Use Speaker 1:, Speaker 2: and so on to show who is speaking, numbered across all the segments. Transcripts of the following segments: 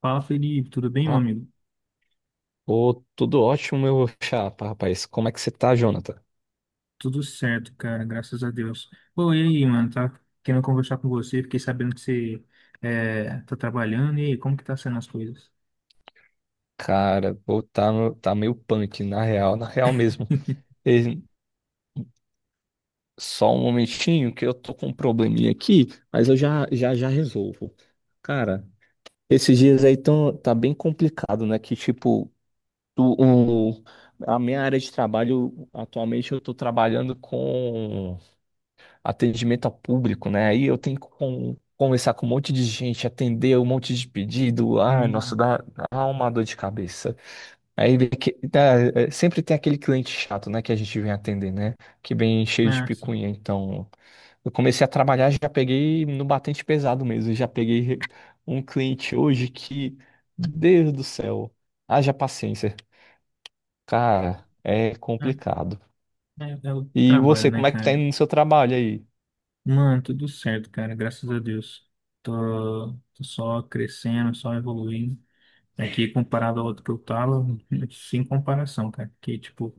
Speaker 1: Fala, Felipe, tudo bem, meu
Speaker 2: Ah,
Speaker 1: amigo?
Speaker 2: ô, tudo ótimo, meu chapa, rapaz. Como é que você tá, Jonathan?
Speaker 1: Tudo certo, cara, graças a Deus. Pô, e aí, mano, tá querendo conversar com você, fiquei sabendo que você tá trabalhando, e aí, como que tá sendo as coisas?
Speaker 2: Cara, pô, tá, tá meio punk, na real, na real mesmo. E só um momentinho que eu tô com um probleminha aqui, mas eu já resolvo. Cara, esses dias aí tá bem complicado, né? Que tipo, tu- o, a minha área de trabalho, atualmente eu tô trabalhando com atendimento ao público, né? Aí eu tenho que conversar com um monte de gente, atender um monte de pedido. Ai, nossa,
Speaker 1: Hum,
Speaker 2: dá uma dor de cabeça. Aí é, sempre tem aquele cliente chato, né, que a gente vem atender, né? Que vem cheio de
Speaker 1: ah, sim.
Speaker 2: picuinha. Então, eu comecei a trabalhar, já peguei no batente pesado mesmo. Já peguei um cliente hoje que, Deus do céu, haja paciência. Cara, é
Speaker 1: Ah,
Speaker 2: complicado.
Speaker 1: é o
Speaker 2: E
Speaker 1: trabalho,
Speaker 2: você,
Speaker 1: né,
Speaker 2: como é que
Speaker 1: cara?
Speaker 2: tá indo no seu trabalho aí?
Speaker 1: Mano, tudo certo, cara, graças a Deus. Tô só crescendo, só evoluindo. Aqui, comparado ao outro que eu tava, sem comparação, cara, que, tipo,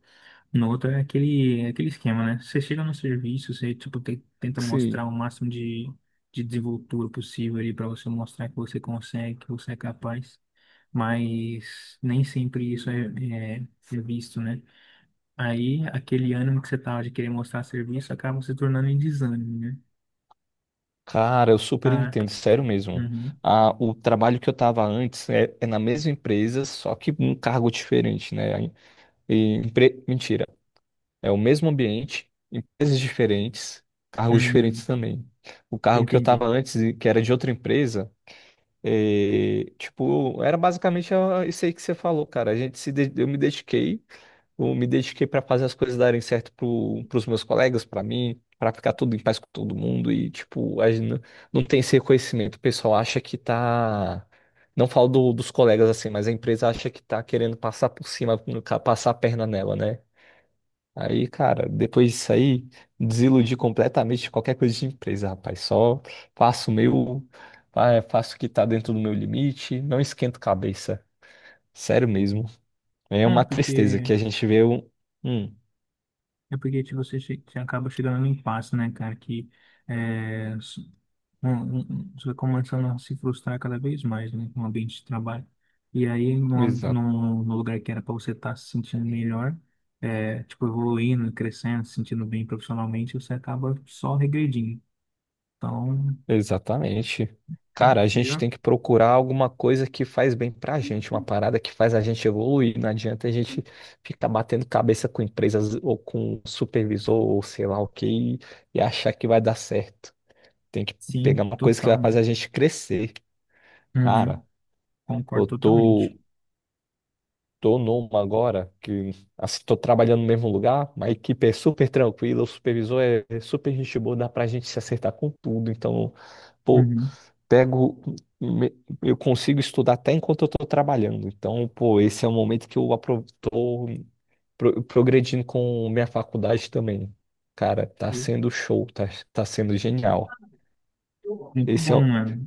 Speaker 1: no outro é aquele esquema, né? Você chega no serviço, você, tipo, tenta mostrar
Speaker 2: Sim.
Speaker 1: o máximo de desenvoltura possível ali para você mostrar que você consegue, que você é capaz, mas nem sempre isso é, é visto, né? Aí, aquele ânimo que você tava de querer mostrar serviço acaba se tornando em desânimo, né?
Speaker 2: Cara, eu super
Speaker 1: Ah,
Speaker 2: entendo, sério mesmo.
Speaker 1: uhum,
Speaker 2: Ah, o trabalho que eu estava antes é na mesma empresa, só que um cargo diferente, né? E, mentira, é o mesmo ambiente, empresas diferentes, cargos diferentes
Speaker 1: uhum,
Speaker 2: também. O cargo que eu
Speaker 1: entendi.
Speaker 2: estava antes, e que era de outra empresa, eh, tipo, era basicamente ah, isso aí que você falou, cara. A gente se, de- eu me dediquei para fazer as coisas darem certo pros meus colegas, para mim, para ficar tudo em paz com todo mundo e, tipo, a gente não, não tem esse reconhecimento. O pessoal acha que tá. Não falo dos colegas assim, mas a empresa acha que tá querendo passar por cima, no ca- passar a perna nela, né? Aí, cara, depois disso aí, desiludi completamente de qualquer coisa de empresa, rapaz. Só faço o meu, faço o que tá dentro do meu limite, não esquento cabeça. Sério mesmo. É
Speaker 1: É
Speaker 2: uma tristeza
Speaker 1: porque,
Speaker 2: que a gente vê um. Hum,
Speaker 1: é porque tipo, você acaba chegando no impasse, né, cara, que... É, bom, você vai começando a se frustrar cada vez mais, né, com o ambiente de trabalho. E aí,
Speaker 2: Exa-
Speaker 1: num lugar que era para você estar se sentindo melhor, é, tipo, evoluindo, crescendo, se sentindo bem profissionalmente, você acaba só regredindo. Então,
Speaker 2: exatamente.
Speaker 1: é
Speaker 2: Cara, a gente
Speaker 1: melhor?
Speaker 2: tem que procurar alguma coisa que faz bem pra gente, uma parada que faz a gente evoluir. Não adianta a gente ficar batendo cabeça com empresas ou com supervisor ou sei lá o e achar que vai dar certo. Tem que
Speaker 1: Sim,
Speaker 2: pegar uma coisa que vai
Speaker 1: total,
Speaker 2: fazer
Speaker 1: né?
Speaker 2: a gente crescer. Cara,
Speaker 1: Uhum,
Speaker 2: eu
Speaker 1: concordo
Speaker 2: tô,
Speaker 1: totalmente.
Speaker 2: tô numa agora que assim, tô trabalhando no mesmo lugar, uma equipe é super tranquila, o supervisor é super gente boa, dá pra gente se acertar com tudo. Então, pô,
Speaker 1: Uhum.
Speaker 2: pego, me- eu consigo estudar até enquanto eu estou trabalhando. Então, pô, esse é o momento que eu progredindo com minha faculdade também. Cara, tá sendo genial.
Speaker 1: Muito
Speaker 2: Esse é,
Speaker 1: bom,
Speaker 2: o-
Speaker 1: mano.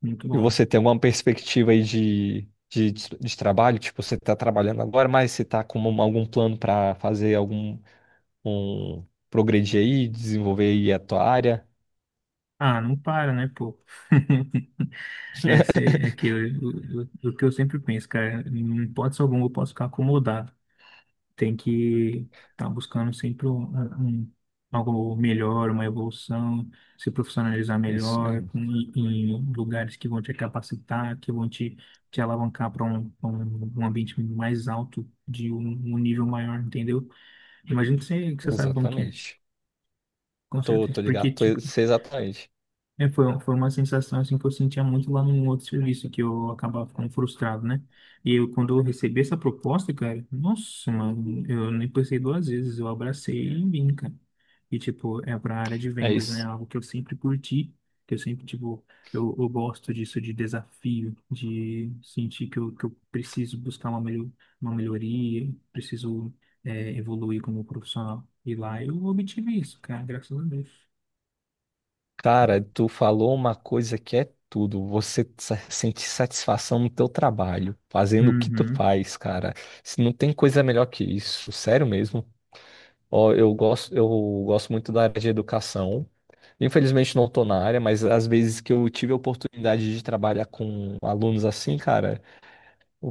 Speaker 1: Muito
Speaker 2: e
Speaker 1: bom.
Speaker 2: você tem alguma perspectiva aí de trabalho? Tipo, você tá trabalhando agora, mas você tá com algum plano para fazer um, progredir aí, desenvolver aí a tua área?
Speaker 1: Ah, não para, né, pô? É, sei, é que o que eu sempre penso, cara, em hipótese alguma eu posso ficar acomodado. Tem que estar tá buscando sempre um- algo melhor, uma evolução, se profissionalizar
Speaker 2: Isso
Speaker 1: melhor,
Speaker 2: mesmo.
Speaker 1: com, em lugares que vão te capacitar, que vão te, te alavancar para pra um ambiente mais alto, de um nível maior, entendeu? Imagino que que você sabe como que é,
Speaker 2: Exatamente.
Speaker 1: com certeza. Porque, tipo,
Speaker 2: Sei exatamente.
Speaker 1: é, foi uma sensação assim que eu sentia muito lá num outro serviço, que eu acabava ficando frustrado, né? E quando eu recebi essa proposta, cara, nossa, mano, eu nem pensei duas vezes, eu abracei e vim, cara. E, tipo, é pra área de
Speaker 2: É
Speaker 1: vendas, né? É
Speaker 2: isso.
Speaker 1: algo que eu sempre curti, que eu sempre, tipo, eu gosto disso de desafio, de sentir que que eu preciso buscar uma melhoria, preciso, é, evoluir como profissional. E lá eu obtive isso, cara, graças a Deus.
Speaker 2: Cara, tu falou uma coisa que é tudo. Você sentir satisfação no teu trabalho, fazendo o que tu
Speaker 1: Uhum,
Speaker 2: faz, cara. Se não tem coisa melhor que isso, sério mesmo. Ó, eu gosto muito da área de educação. Infelizmente não tô na área, mas às vezes que eu tive a oportunidade de trabalhar com alunos assim, cara,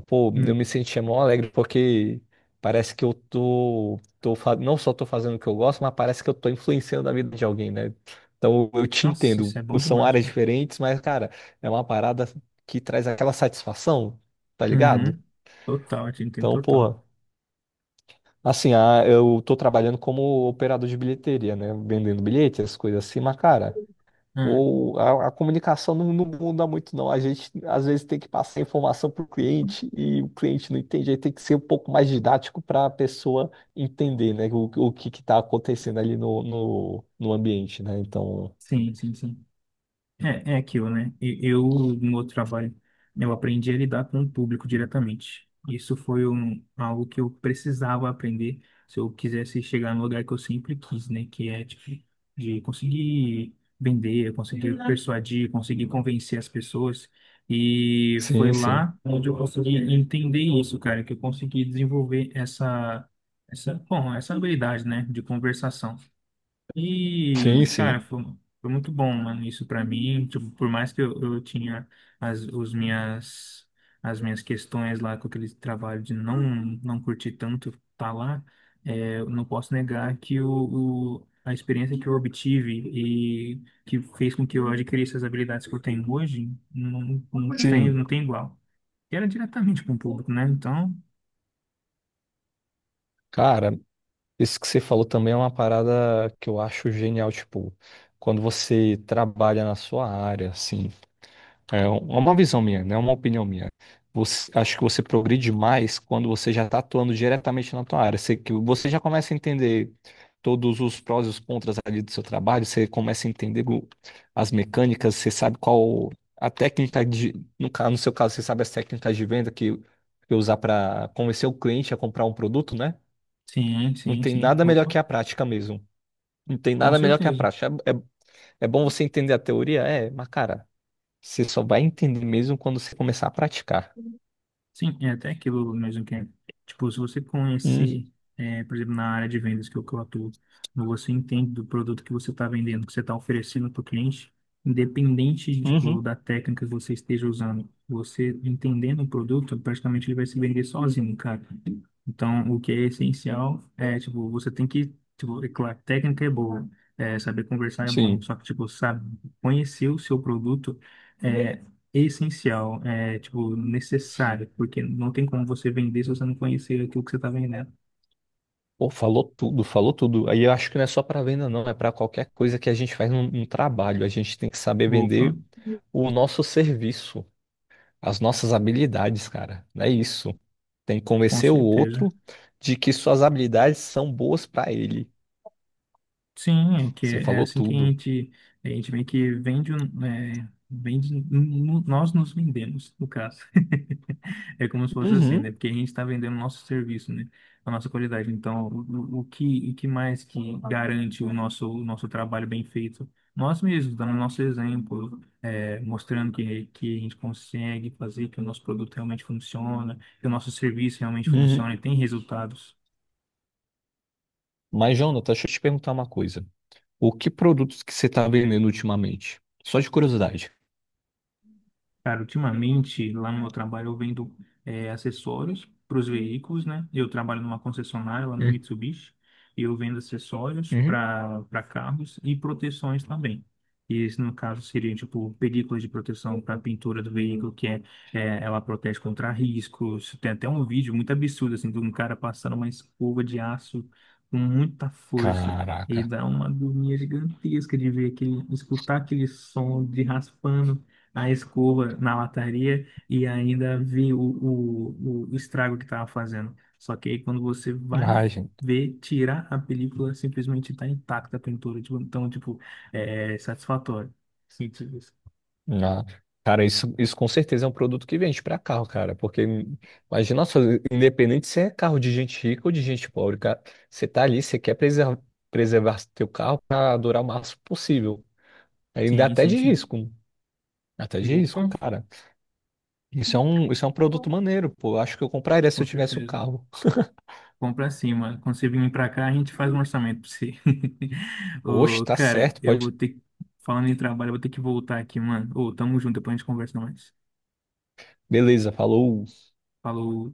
Speaker 2: pô,
Speaker 1: uhum.
Speaker 2: eu me sentia mó alegre porque parece que eu não só tô fazendo o que eu gosto, mas parece que eu tô influenciando a vida de alguém, né? Então eu te
Speaker 1: Nossa,
Speaker 2: entendo.
Speaker 1: isso é bom
Speaker 2: São
Speaker 1: demais,
Speaker 2: áreas
Speaker 1: pô.
Speaker 2: diferentes, mas, cara, é uma parada que traz aquela satisfação, tá ligado?
Speaker 1: Uhum. Total, a gente tem
Speaker 2: Então,
Speaker 1: total.
Speaker 2: porra, assim, ah, eu tô trabalhando como operador de bilheteria, né? Vendendo bilhetes, essas coisas assim, mas, cara,
Speaker 1: Ah,
Speaker 2: ou a comunicação não muda muito, não. A gente às vezes tem que passar informação para o cliente e o cliente não entende. Aí tem que ser um pouco mais didático para a pessoa entender, né, o que está acontecendo ali no ambiente, né? Então,
Speaker 1: sim, sim, sim. É, é aquilo, né? Eu, no outro trabalho, eu aprendi a lidar com o público diretamente. Isso foi um, algo que eu precisava aprender se eu quisesse chegar no lugar que eu sempre quis, né? Que é, tipo, de conseguir vender, conseguir persuadir, conseguir convencer as pessoas. E foi
Speaker 2: sim, sim,
Speaker 1: lá onde eu consegui entender isso, cara, que eu consegui desenvolver bom, essa habilidade, né? De conversação.
Speaker 2: sim,
Speaker 1: E, cara,
Speaker 2: sim,
Speaker 1: foi muito bom, mano, isso pra mim. Tipo, por mais que eu tinha as, os minhas, as minhas questões lá com aquele trabalho de não curtir tanto tá lá, é, eu não posso negar que a experiência que eu obtive e que fez com que eu adquirisse as habilidades que eu tenho hoje, não tem,
Speaker 2: sim.
Speaker 1: não tem igual. E era diretamente com o público, né? Então,
Speaker 2: Cara, isso que você falou também é uma parada que eu acho genial, tipo, quando você trabalha na sua área, assim. É é uma visão minha, não é uma opinião minha. Acho que você progride mais quando você já está atuando diretamente na tua área. Que você já começa a entender todos os prós e os contras ali do seu trabalho, você começa a entender as mecânicas, você sabe qual a técnica de, no seu caso, você sabe as técnicas de venda que usar para convencer o cliente a comprar um produto, né?
Speaker 1: sim,
Speaker 2: Não
Speaker 1: sim,
Speaker 2: tem
Speaker 1: sim.
Speaker 2: nada melhor
Speaker 1: Opa,
Speaker 2: que a prática mesmo. Não tem
Speaker 1: com
Speaker 2: nada melhor que a
Speaker 1: certeza.
Speaker 2: prática. É bom você entender a teoria, é, mas cara, você só vai entender mesmo quando você começar a praticar.
Speaker 1: Sim, é até aquilo mesmo que, é, tipo, se você
Speaker 2: Hum.
Speaker 1: conhecer, é, por exemplo, na área de vendas que eu atuo, quando você entende do produto que você está vendendo, que você está oferecendo para o cliente, independente, tipo,
Speaker 2: Uhum.
Speaker 1: da técnica que você esteja usando, você entendendo o produto, praticamente ele vai se vender sozinho, cara. Então, o que é essencial é, tipo, você tem que, tipo, é claro, técnica é boa, é, saber conversar é bom,
Speaker 2: Sim.
Speaker 1: só que, tipo, sabe, conhecer o seu produto é essencial, é, tipo, necessário, porque não tem como você vender se você não conhecer aquilo que você está vendendo.
Speaker 2: Pô, falou tudo, falou tudo. Aí eu acho que não é só para venda, não, é para qualquer coisa que a gente faz num trabalho. A gente tem que saber
Speaker 1: Opa,
Speaker 2: vender o nosso serviço, as nossas habilidades, cara. É isso. Tem que
Speaker 1: com
Speaker 2: convencer o
Speaker 1: certeza.
Speaker 2: outro de que suas habilidades são boas para ele.
Speaker 1: Sim, é que
Speaker 2: Você
Speaker 1: é
Speaker 2: falou
Speaker 1: assim que
Speaker 2: tudo.
Speaker 1: a gente meio que vende, nós nos vendemos, no caso. É como se fosse assim, né?
Speaker 2: Uhum,
Speaker 1: Porque a gente está vendendo o nosso serviço, né? A nossa qualidade. Então, o que mais que garante o nosso trabalho bem feito? Nós mesmos, dando o nosso exemplo, é, mostrando que a gente consegue fazer, que o nosso produto realmente funciona, que o nosso serviço realmente funciona e
Speaker 2: uhum.
Speaker 1: tem resultados.
Speaker 2: Mas, Jonathan, deixa eu te perguntar uma coisa. O que produtos que você está vendendo ultimamente? Só de curiosidade.
Speaker 1: Cara, ultimamente lá no meu trabalho eu vendo acessórios para os veículos, né? Eu trabalho numa concessionária lá no Mitsubishi e eu vendo acessórios
Speaker 2: Uhum.
Speaker 1: para carros e proteções também. E esse, no caso, seria tipo películas de proteção para a pintura do veículo, que é, ela protege contra riscos. Tem até um vídeo muito absurdo assim de um cara passando uma escova de aço com muita força. E
Speaker 2: Caraca.
Speaker 1: dá uma agonia gigantesca de ver aquele, escutar aquele som de raspando a escova na lataria e ainda vi o estrago que estava fazendo. Só que aí quando você vai
Speaker 2: Ai, gente.
Speaker 1: ver, tirar a película, simplesmente está intacta a pintura. Tipo, então, tipo, é satisfatório. Sim,
Speaker 2: Ah, cara, isso com certeza é um produto que vende pra carro, cara. Porque imagina só, independente se é carro de gente rica ou de gente pobre, cara, você tá ali, preservar teu carro pra durar o máximo possível. Ainda
Speaker 1: sim,
Speaker 2: até
Speaker 1: sim,
Speaker 2: de
Speaker 1: sim.
Speaker 2: risco. Até de risco,
Speaker 1: Opa,
Speaker 2: cara. Isso é um produto maneiro, pô. Eu acho que eu compraria se
Speaker 1: com
Speaker 2: eu tivesse o
Speaker 1: certeza.
Speaker 2: carro.
Speaker 1: Compra cima quando você vir pra cá, a gente faz um orçamento pra você.
Speaker 2: Oxe,
Speaker 1: Ô,
Speaker 2: tá
Speaker 1: cara,
Speaker 2: certo,
Speaker 1: eu vou
Speaker 2: pode.
Speaker 1: ter que... Falando em trabalho, eu vou ter que voltar aqui, mano. Ô, tamo junto, depois a gente conversa mais.
Speaker 2: Beleza, falou.
Speaker 1: Falou.